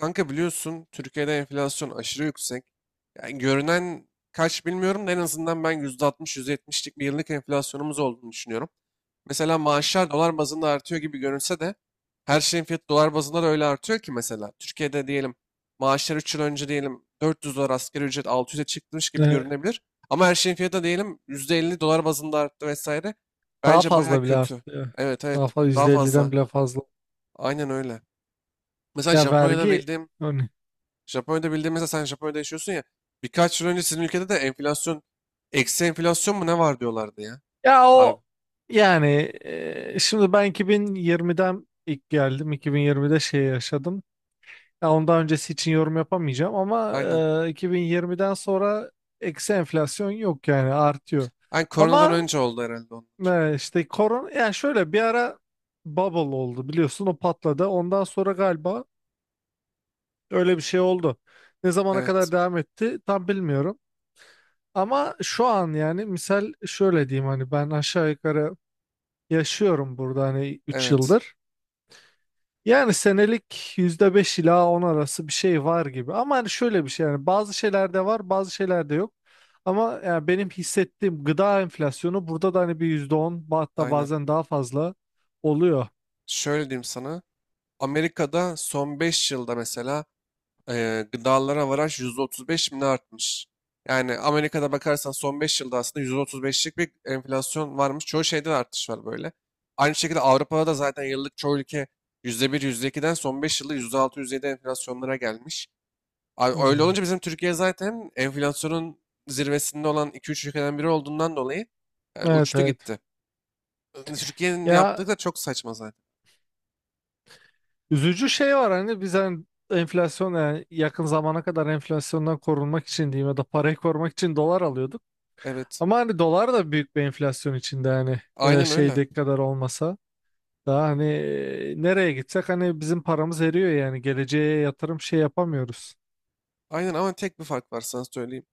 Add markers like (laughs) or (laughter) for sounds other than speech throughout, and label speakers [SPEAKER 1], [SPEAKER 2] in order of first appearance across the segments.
[SPEAKER 1] Kanka biliyorsun Türkiye'de enflasyon aşırı yüksek. Yani görünen kaç bilmiyorum da en azından ben %60-%70'lik bir yıllık enflasyonumuz olduğunu düşünüyorum. Mesela maaşlar dolar bazında artıyor gibi görünse de her şeyin fiyatı dolar bazında da öyle artıyor ki. Mesela Türkiye'de diyelim maaşlar 3 yıl önce diyelim 400 dolar, asgari ücret 600'e çıkmış gibi
[SPEAKER 2] Ee,
[SPEAKER 1] görünebilir. Ama her şeyin fiyatı da diyelim %50 dolar bazında arttı vesaire.
[SPEAKER 2] Daha
[SPEAKER 1] Bence baya
[SPEAKER 2] fazla bile arttı
[SPEAKER 1] kötü.
[SPEAKER 2] ya.
[SPEAKER 1] Evet, evet,
[SPEAKER 2] Daha fazla
[SPEAKER 1] daha
[SPEAKER 2] yüzde elli'den
[SPEAKER 1] fazla.
[SPEAKER 2] bile fazla.
[SPEAKER 1] Aynen öyle. Mesela
[SPEAKER 2] Ya vergi, hani,
[SPEAKER 1] Japonya'da bildiğin, mesela sen Japonya'da yaşıyorsun ya. Birkaç yıl önce sizin ülkede de enflasyon, eksi enflasyon mu ne var diyorlardı ya.
[SPEAKER 2] ya
[SPEAKER 1] Abi,
[SPEAKER 2] o, yani, şimdi ben 2020'den ilk geldim. 2020'de şey yaşadım. Ya ondan öncesi için yorum yapamayacağım ama
[SPEAKER 1] aynen.
[SPEAKER 2] 2020'den sonra eksi enflasyon yok, yani artıyor.
[SPEAKER 1] Aynen, koronadan
[SPEAKER 2] Ama
[SPEAKER 1] önce oldu herhalde onun.
[SPEAKER 2] işte korona, yani şöyle bir ara bubble oldu, biliyorsun o patladı. Ondan sonra galiba öyle bir şey oldu. Ne zamana
[SPEAKER 1] Evet.
[SPEAKER 2] kadar devam etti tam bilmiyorum. Ama şu an yani misal şöyle diyeyim, hani ben aşağı yukarı yaşıyorum burada hani 3
[SPEAKER 1] Evet.
[SPEAKER 2] yıldır. Yani senelik %5 ila 10 arası bir şey var gibi. Ama hani şöyle bir şey, yani bazı şeylerde var bazı şeylerde yok. Ama yani benim hissettiğim gıda enflasyonu burada da hani bir yüzde on, hatta
[SPEAKER 1] Aynen.
[SPEAKER 2] bazen daha fazla oluyor.
[SPEAKER 1] Şöyle diyeyim sana. Amerika'da son 5 yılda mesela, gıdalara varaj %35 mi ne artmış? Yani Amerika'da bakarsan son 5 yılda aslında %35'lik bir enflasyon varmış. Çoğu şeyde de artış var böyle. Aynı şekilde Avrupa'da da zaten yıllık çoğu ülke %1, yüzde iki'den son 5 yılda %6 yüzde yedi enflasyonlara gelmiş. Abi öyle
[SPEAKER 2] Hmm.
[SPEAKER 1] olunca bizim Türkiye zaten enflasyonun zirvesinde olan iki üç ülkeden biri olduğundan dolayı
[SPEAKER 2] Evet,
[SPEAKER 1] uçtu
[SPEAKER 2] evet.
[SPEAKER 1] gitti. Hani, Türkiye'nin
[SPEAKER 2] Ya
[SPEAKER 1] yaptığı da çok saçma zaten.
[SPEAKER 2] üzücü şey var, hani biz hani enflasyon, yani yakın zamana kadar enflasyondan korunmak için diyeyim, ya da parayı korumak için dolar alıyorduk.
[SPEAKER 1] Evet.
[SPEAKER 2] Ama hani dolar da büyük bir enflasyon içinde, hani
[SPEAKER 1] Aynen öyle.
[SPEAKER 2] şeydeki kadar olmasa daha hani, nereye gitsek hani bizim paramız eriyor, yani geleceğe yatırım şey yapamıyoruz.
[SPEAKER 1] Aynen, ama tek bir fark var sana söyleyeyim.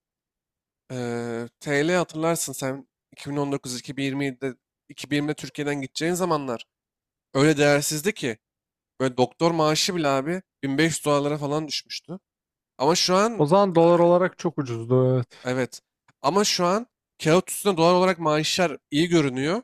[SPEAKER 1] TL hatırlarsın sen, 2019-2020'de 2020'de Türkiye'den gideceğin zamanlar öyle değersizdi ki böyle doktor maaşı bile abi 1500 dolarlara falan düşmüştü. Ama şu an.
[SPEAKER 2] O zaman dolar olarak çok ucuzdu, evet.
[SPEAKER 1] Evet. Ama şu an kağıt üstünde dolar olarak maaşlar iyi görünüyor.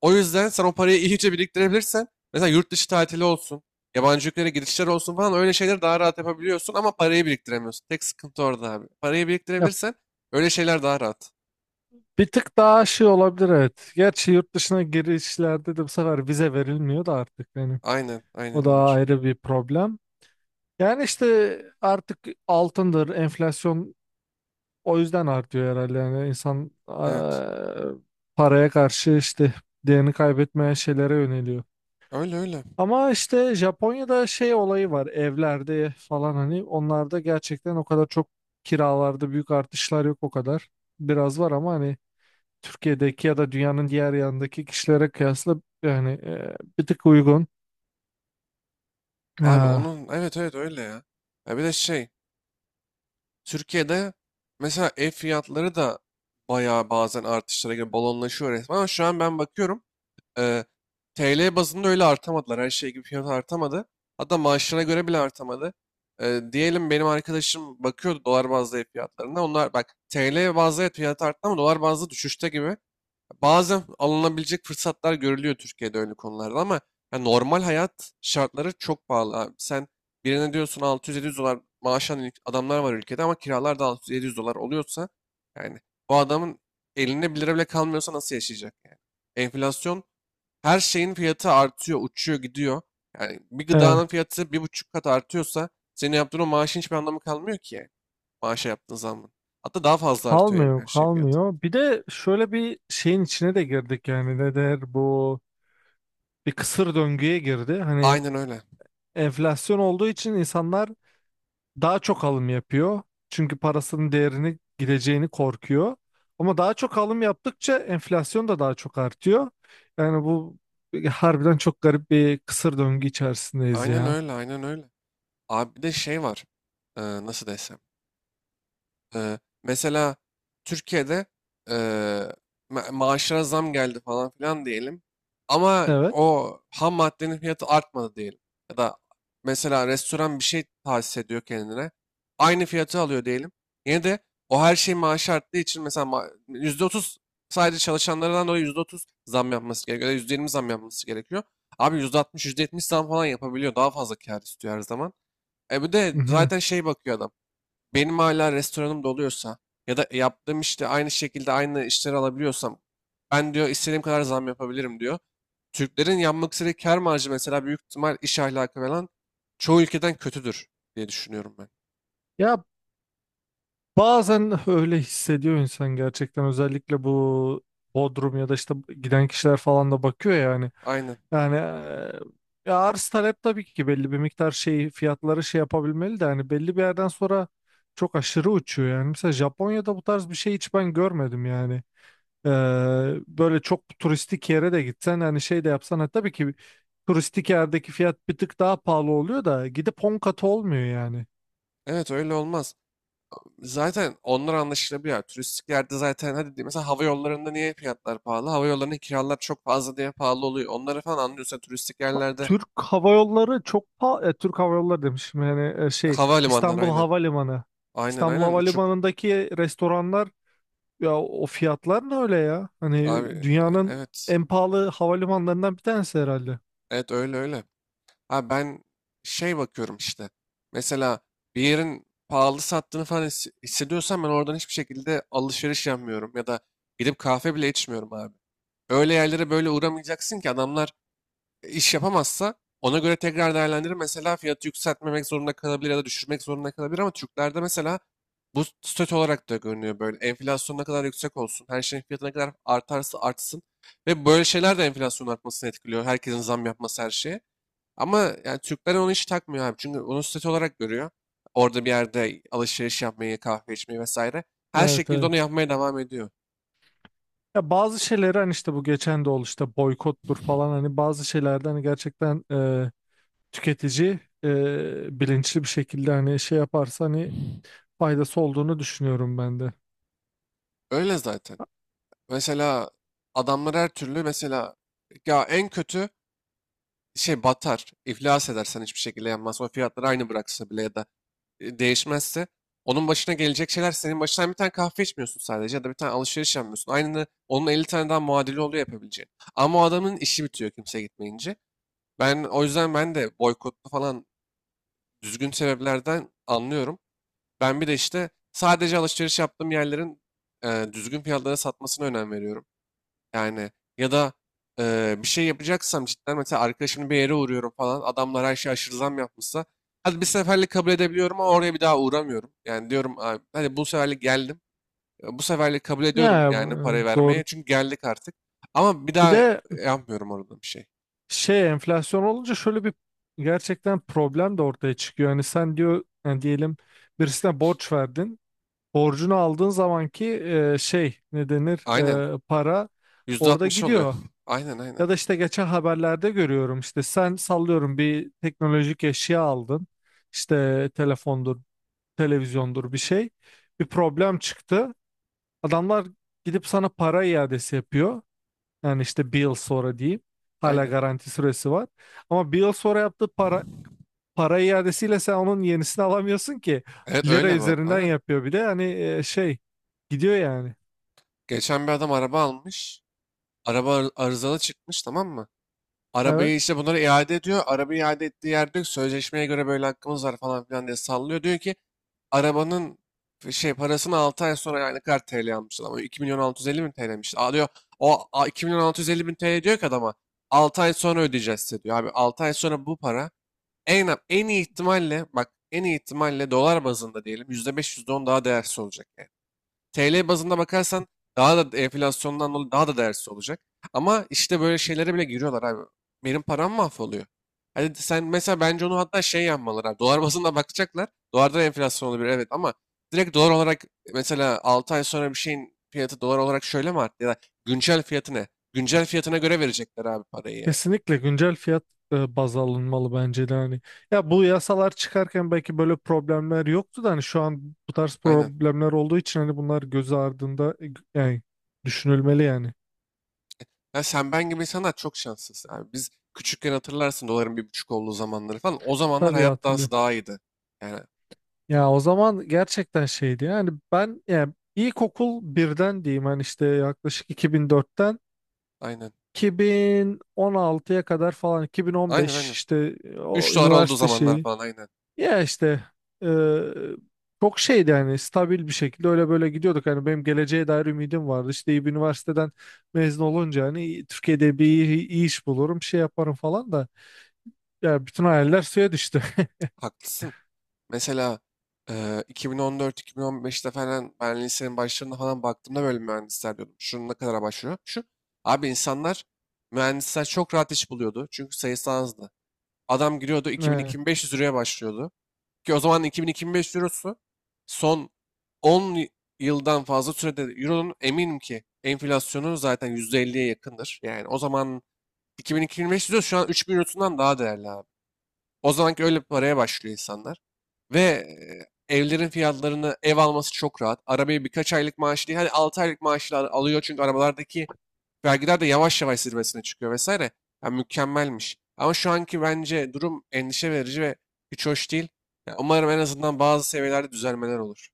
[SPEAKER 1] O yüzden sen o parayı (laughs) iyice biriktirebilirsen mesela yurt dışı tatili olsun, yabancı ülkelere girişler olsun falan, öyle şeyleri daha rahat yapabiliyorsun ama parayı biriktiremiyorsun. Tek sıkıntı orada abi. Parayı
[SPEAKER 2] Ya
[SPEAKER 1] biriktirebilirsen öyle şeyler daha rahat.
[SPEAKER 2] bir tık daha şey olabilir, evet. Gerçi yurt dışına girişlerde de bu sefer vize verilmiyor da artık, yani
[SPEAKER 1] Aynen, aynen,
[SPEAKER 2] o
[SPEAKER 1] o
[SPEAKER 2] da
[SPEAKER 1] var.
[SPEAKER 2] ayrı bir problem. Yani işte artık altındır, enflasyon, o yüzden artıyor herhalde. Yani insan,
[SPEAKER 1] Evet.
[SPEAKER 2] paraya karşı işte değerini kaybetmeyen şeylere yöneliyor.
[SPEAKER 1] Öyle öyle.
[SPEAKER 2] Ama işte Japonya'da şey olayı var evlerde falan, hani onlarda gerçekten o kadar çok kiralarda büyük artışlar yok o kadar. Biraz var ama hani Türkiye'deki ya da dünyanın diğer yanındaki kişilere kıyasla yani, bir tık uygun.
[SPEAKER 1] Abi
[SPEAKER 2] Ha,
[SPEAKER 1] onun, evet, evet, öyle ya. Ya bir de şey, Türkiye'de mesela ev fiyatları da bayağı bazen artışlara göre balonlaşıyor resmen, ama şu an ben bakıyorum, Ee, TL bazında öyle artamadılar. Her şey gibi fiyat artamadı. Hatta maaşlarına göre bile artamadı. Diyelim benim arkadaşım bakıyordu dolar bazlı ev fiyatlarına. Onlar bak, TL bazlı ev fiyatı arttı ama dolar bazlı düşüşte gibi. Bazen alınabilecek fırsatlar görülüyor Türkiye'de öyle konularda ama ya normal hayat şartları çok pahalı abi. Sen birine diyorsun 600-700 dolar maaş alan adamlar var ülkede ama kiralar da 600-700 dolar oluyorsa yani bu adamın elinde 1 lira bile kalmıyorsa nasıl yaşayacak yani? Enflasyon, her şeyin fiyatı artıyor, uçuyor, gidiyor. Yani bir
[SPEAKER 2] evet.
[SPEAKER 1] gıdanın fiyatı 1,5 kat artıyorsa senin yaptığın o maaşın hiçbir anlamı kalmıyor ki, yani. Maaşa yaptığın zammın. Hatta daha fazla artıyor hem
[SPEAKER 2] Kalmıyor,
[SPEAKER 1] her şeyin fiyatı.
[SPEAKER 2] kalmıyor. Bir de şöyle bir şeyin içine de girdik, yani ne der bu, bir kısır döngüye girdi. Hani
[SPEAKER 1] Aynen öyle.
[SPEAKER 2] enflasyon olduğu için insanlar daha çok alım yapıyor. Çünkü parasının değerini gideceğini korkuyor. Ama daha çok alım yaptıkça enflasyon da daha çok artıyor. Yani bu harbiden çok garip bir kısır döngü içerisindeyiz
[SPEAKER 1] Aynen
[SPEAKER 2] ya.
[SPEAKER 1] öyle, aynen öyle. Abi bir de şey var. Nasıl desem. Mesela Türkiye'de ee, maaşlara zam geldi falan filan diyelim. Ama
[SPEAKER 2] Evet.
[SPEAKER 1] o ham maddenin fiyatı artmadı diyelim. Ya da mesela restoran bir şey tahsis ediyor kendine. Aynı fiyatı alıyor diyelim. Yine de o her şey maaşı arttığı için mesela %30, sadece çalışanlardan dolayı %30 zam yapması gerekiyor. Ya da %20 zam yapması gerekiyor. Abi %60, yüzde yetmiş zam falan yapabiliyor. Daha fazla kar istiyor her zaman. E bir de
[SPEAKER 2] Mhm.
[SPEAKER 1] zaten şey bakıyor adam, benim hala restoranım doluyorsa ya da yaptığım işte aynı şekilde aynı işleri alabiliyorsam ben diyor istediğim kadar zam yapabilirim diyor. Türklerin yapmak istediği kar marjı mesela, büyük ihtimal iş ahlakı falan çoğu ülkeden kötüdür diye düşünüyorum ben.
[SPEAKER 2] Ya bazen öyle hissediyor insan gerçekten, özellikle bu Bodrum ya da işte giden kişiler falan da bakıyor yani.
[SPEAKER 1] Aynen.
[SPEAKER 2] Yani, ya arz talep tabii ki belli bir miktar şey fiyatları şey yapabilmeli de, hani belli bir yerden sonra çok aşırı uçuyor yani. Mesela Japonya'da bu tarz bir şey hiç ben görmedim yani. Eee, böyle çok turistik yere de gitsen hani şey de yapsan, ha, tabii ki turistik yerdeki fiyat bir tık daha pahalı oluyor da gidip 10 katı olmuyor yani.
[SPEAKER 1] Evet öyle olmaz. Zaten onlar anlaşılabiliyor. Turistik yerde zaten hadi diyeyim, mesela hava yollarında niye fiyatlar pahalı? Hava yollarının kiralar çok fazla diye pahalı oluyor. Onları falan anlıyorsan turistik yerlerde,
[SPEAKER 2] Türk Hava Yolları çok pa- Türk Hava Yolları demişim yani, şey
[SPEAKER 1] havalimanları
[SPEAKER 2] İstanbul
[SPEAKER 1] aynen.
[SPEAKER 2] Havalimanı.
[SPEAKER 1] Aynen,
[SPEAKER 2] İstanbul
[SPEAKER 1] aynen, uçuk.
[SPEAKER 2] Havalimanı'ndaki restoranlar, ya o fiyatlar ne öyle ya?
[SPEAKER 1] Abi,
[SPEAKER 2] Hani dünyanın
[SPEAKER 1] evet.
[SPEAKER 2] en pahalı havalimanlarından bir tanesi herhalde.
[SPEAKER 1] Evet öyle öyle. Ha, ben şey bakıyorum işte. Mesela bir yerin pahalı sattığını falan hissediyorsam ben oradan hiçbir şekilde alışveriş yapmıyorum ya da gidip kahve bile içmiyorum abi. Öyle yerlere böyle uğramayacaksın ki adamlar iş yapamazsa ona göre tekrar değerlendirir. Mesela fiyatı yükseltmemek zorunda kalabilir ya da düşürmek zorunda kalabilir ama Türklerde mesela bu stöt olarak da görünüyor böyle. Enflasyon ne kadar yüksek olsun, her şeyin fiyatı ne kadar artarsa artsın, ve böyle şeyler de enflasyonun artmasını etkiliyor. Herkesin zam yapması her şeye. Ama yani Türkler onu hiç takmıyor abi. Çünkü onu statü olarak görüyor. Orada bir yerde alışveriş yapmayı, kahve içmeyi vesaire. Her
[SPEAKER 2] Evet,
[SPEAKER 1] şekilde
[SPEAKER 2] evet.
[SPEAKER 1] onu yapmaya devam ediyor.
[SPEAKER 2] Ya bazı şeyleri hani işte, bu geçen de oldu işte, boykottur falan, hani bazı şeylerden hani gerçekten, tüketici bilinçli bir şekilde hani şey yaparsa hani faydası olduğunu düşünüyorum ben de.
[SPEAKER 1] Öyle zaten. Mesela adamlar her türlü, mesela ya en kötü şey batar, iflas edersen hiçbir şekilde yanmaz. O fiyatları aynı bıraksa bile ya da değişmezse onun başına gelecek şeyler senin başına. Sen bir tane kahve içmiyorsun sadece ya da bir tane alışveriş yapmıyorsun. Aynı onun 50 tane daha muadili oluyor yapabileceğin. Ama o adamın işi bitiyor kimse gitmeyince. Ben o yüzden ben de boykotlu falan düzgün sebeplerden anlıyorum. Ben bir de işte sadece alışveriş yaptığım yerlerin düzgün fiyatlara satmasına önem veriyorum. Yani, ya da bir şey yapacaksam cidden, mesela arkadaşımın bir yere uğruyorum falan, adamlar her şey aşırı zam yapmışsa hadi bir seferlik kabul edebiliyorum ama oraya bir daha uğramıyorum. Yani diyorum abi, hadi bu seferlik geldim. Bu seferlik kabul ediyorum
[SPEAKER 2] Ya,
[SPEAKER 1] yani parayı
[SPEAKER 2] doğru.
[SPEAKER 1] vermeye, çünkü geldik artık. Ama bir
[SPEAKER 2] Bir
[SPEAKER 1] daha
[SPEAKER 2] de
[SPEAKER 1] yapmıyorum orada bir şey.
[SPEAKER 2] şey, enflasyon olunca şöyle bir gerçekten problem de ortaya çıkıyor. Hani sen diyor, yani diyelim birisine borç verdin. Borcunu aldığın zamanki, şey ne denir,
[SPEAKER 1] Aynen.
[SPEAKER 2] para
[SPEAKER 1] yüzde
[SPEAKER 2] orada
[SPEAKER 1] altmış oluyor.
[SPEAKER 2] gidiyor.
[SPEAKER 1] (laughs) Aynen, aynen.
[SPEAKER 2] Ya da işte geçen haberlerde görüyorum, işte sen sallıyorum bir teknolojik eşya aldın. İşte telefondur, televizyondur bir şey. Bir problem çıktı. Adamlar gidip sana para iadesi yapıyor. Yani işte bir yıl sonra diyeyim. Hala
[SPEAKER 1] Aynen.
[SPEAKER 2] garanti süresi var. Ama bir yıl sonra yaptığı para iadesiyle sen onun yenisini alamıyorsun ki.
[SPEAKER 1] Evet,
[SPEAKER 2] Lira
[SPEAKER 1] öyle bu arada.
[SPEAKER 2] üzerinden
[SPEAKER 1] Aynen.
[SPEAKER 2] yapıyor bir de. Hani, şey gidiyor yani.
[SPEAKER 1] Geçen bir adam araba almış. Araba arızalı çıkmış, tamam mı?
[SPEAKER 2] Evet.
[SPEAKER 1] Arabayı işte bunlara iade ediyor. Arabayı iade ettiği yerde diyor ki, sözleşmeye göre böyle hakkımız var falan filan diye sallıyor. Diyor ki arabanın parasını 6 ay sonra, yani ne kadar TL almış adam. 2 milyon 650 bin TL'miş. Aa diyor, 2 milyon 650 bin TL diyor ki adama 6 ay sonra ödeyeceğiz size diyor. Abi 6 ay sonra bu para en iyi ihtimalle, bak en iyi ihtimalle dolar bazında diyelim %5 %10 daha değersiz olacak, yani. TL bazında bakarsan daha da enflasyondan dolayı daha da değersiz olacak. Ama işte böyle şeylere bile giriyorlar abi. Benim param mahvoluyor. Hadi sen mesela, bence onu hatta şey yapmalılar abi. Dolar bazında bakacaklar. Dolarda enflasyon olabilir evet ama direkt dolar olarak mesela 6 ay sonra bir şeyin fiyatı dolar olarak şöyle mi arttı, ya da güncel fiyatı ne? Güncel fiyatına göre verecekler abi parayı, yani.
[SPEAKER 2] Kesinlikle güncel fiyat baz alınmalı bence de hani. Ya bu yasalar çıkarken belki böyle problemler yoktu da, hani şu an bu tarz
[SPEAKER 1] Aynen.
[SPEAKER 2] problemler olduğu için hani bunlar göz ardında, yani düşünülmeli yani.
[SPEAKER 1] Ya sen ben gibi insanlar çok şanssız abi. Biz küçükken hatırlarsın doların 1,5 olduğu zamanları falan. O zamanlar
[SPEAKER 2] Tabii
[SPEAKER 1] hayat dansı
[SPEAKER 2] hatırlıyorum.
[SPEAKER 1] daha iyiydi. Yani
[SPEAKER 2] Ya o zaman gerçekten şeydi yani, ben yani ilkokul birden diyeyim hani işte yaklaşık 2004'ten
[SPEAKER 1] aynen.
[SPEAKER 2] 2016'ya kadar falan,
[SPEAKER 1] Aynen
[SPEAKER 2] 2015
[SPEAKER 1] aynen.
[SPEAKER 2] işte, o
[SPEAKER 1] 3 dolar olduğu
[SPEAKER 2] üniversite
[SPEAKER 1] zamanlar
[SPEAKER 2] şeyi,
[SPEAKER 1] falan, aynen.
[SPEAKER 2] ya işte, e, çok şeydi yani, stabil bir şekilde öyle böyle gidiyorduk, hani benim geleceğe dair ümidim vardı, işte iyi bir üniversiteden mezun olunca hani Türkiye'de bir iyi, iyi iş bulurum şey yaparım falan da, ya bütün hayaller suya düştü. (laughs)
[SPEAKER 1] Haklısın. Mesela 2014-2015'te falan ben lisenin başlarında falan baktığımda böyle mühendisler diyordum. Şunun ne kadara başlıyor? Şu. Abi insanlar, mühendisler çok rahat iş buluyordu. Çünkü sayısı azdı. Adam giriyordu
[SPEAKER 2] He.
[SPEAKER 1] 2000-2500 liraya başlıyordu. Ki o zaman 2000-2500 eurosu son 10 yıldan fazla sürede, euronun eminim ki enflasyonu zaten %50'ye yakındır. Yani o zaman 2225 diyor şu an 3.000 eurosundan daha değerli abi. O zamanki öyle bir paraya başlıyor insanlar. Ve evlerin fiyatlarını, ev alması çok rahat. Arabayı birkaç aylık maaş değil, hani 6 aylık maaşla alıyor çünkü arabalardaki vergiler de yavaş yavaş zirvesine çıkıyor vesaire. Yani mükemmelmiş. Ama şu anki bence durum endişe verici ve hiç hoş değil. Ya umarım en azından bazı seviyelerde düzelmeler olur.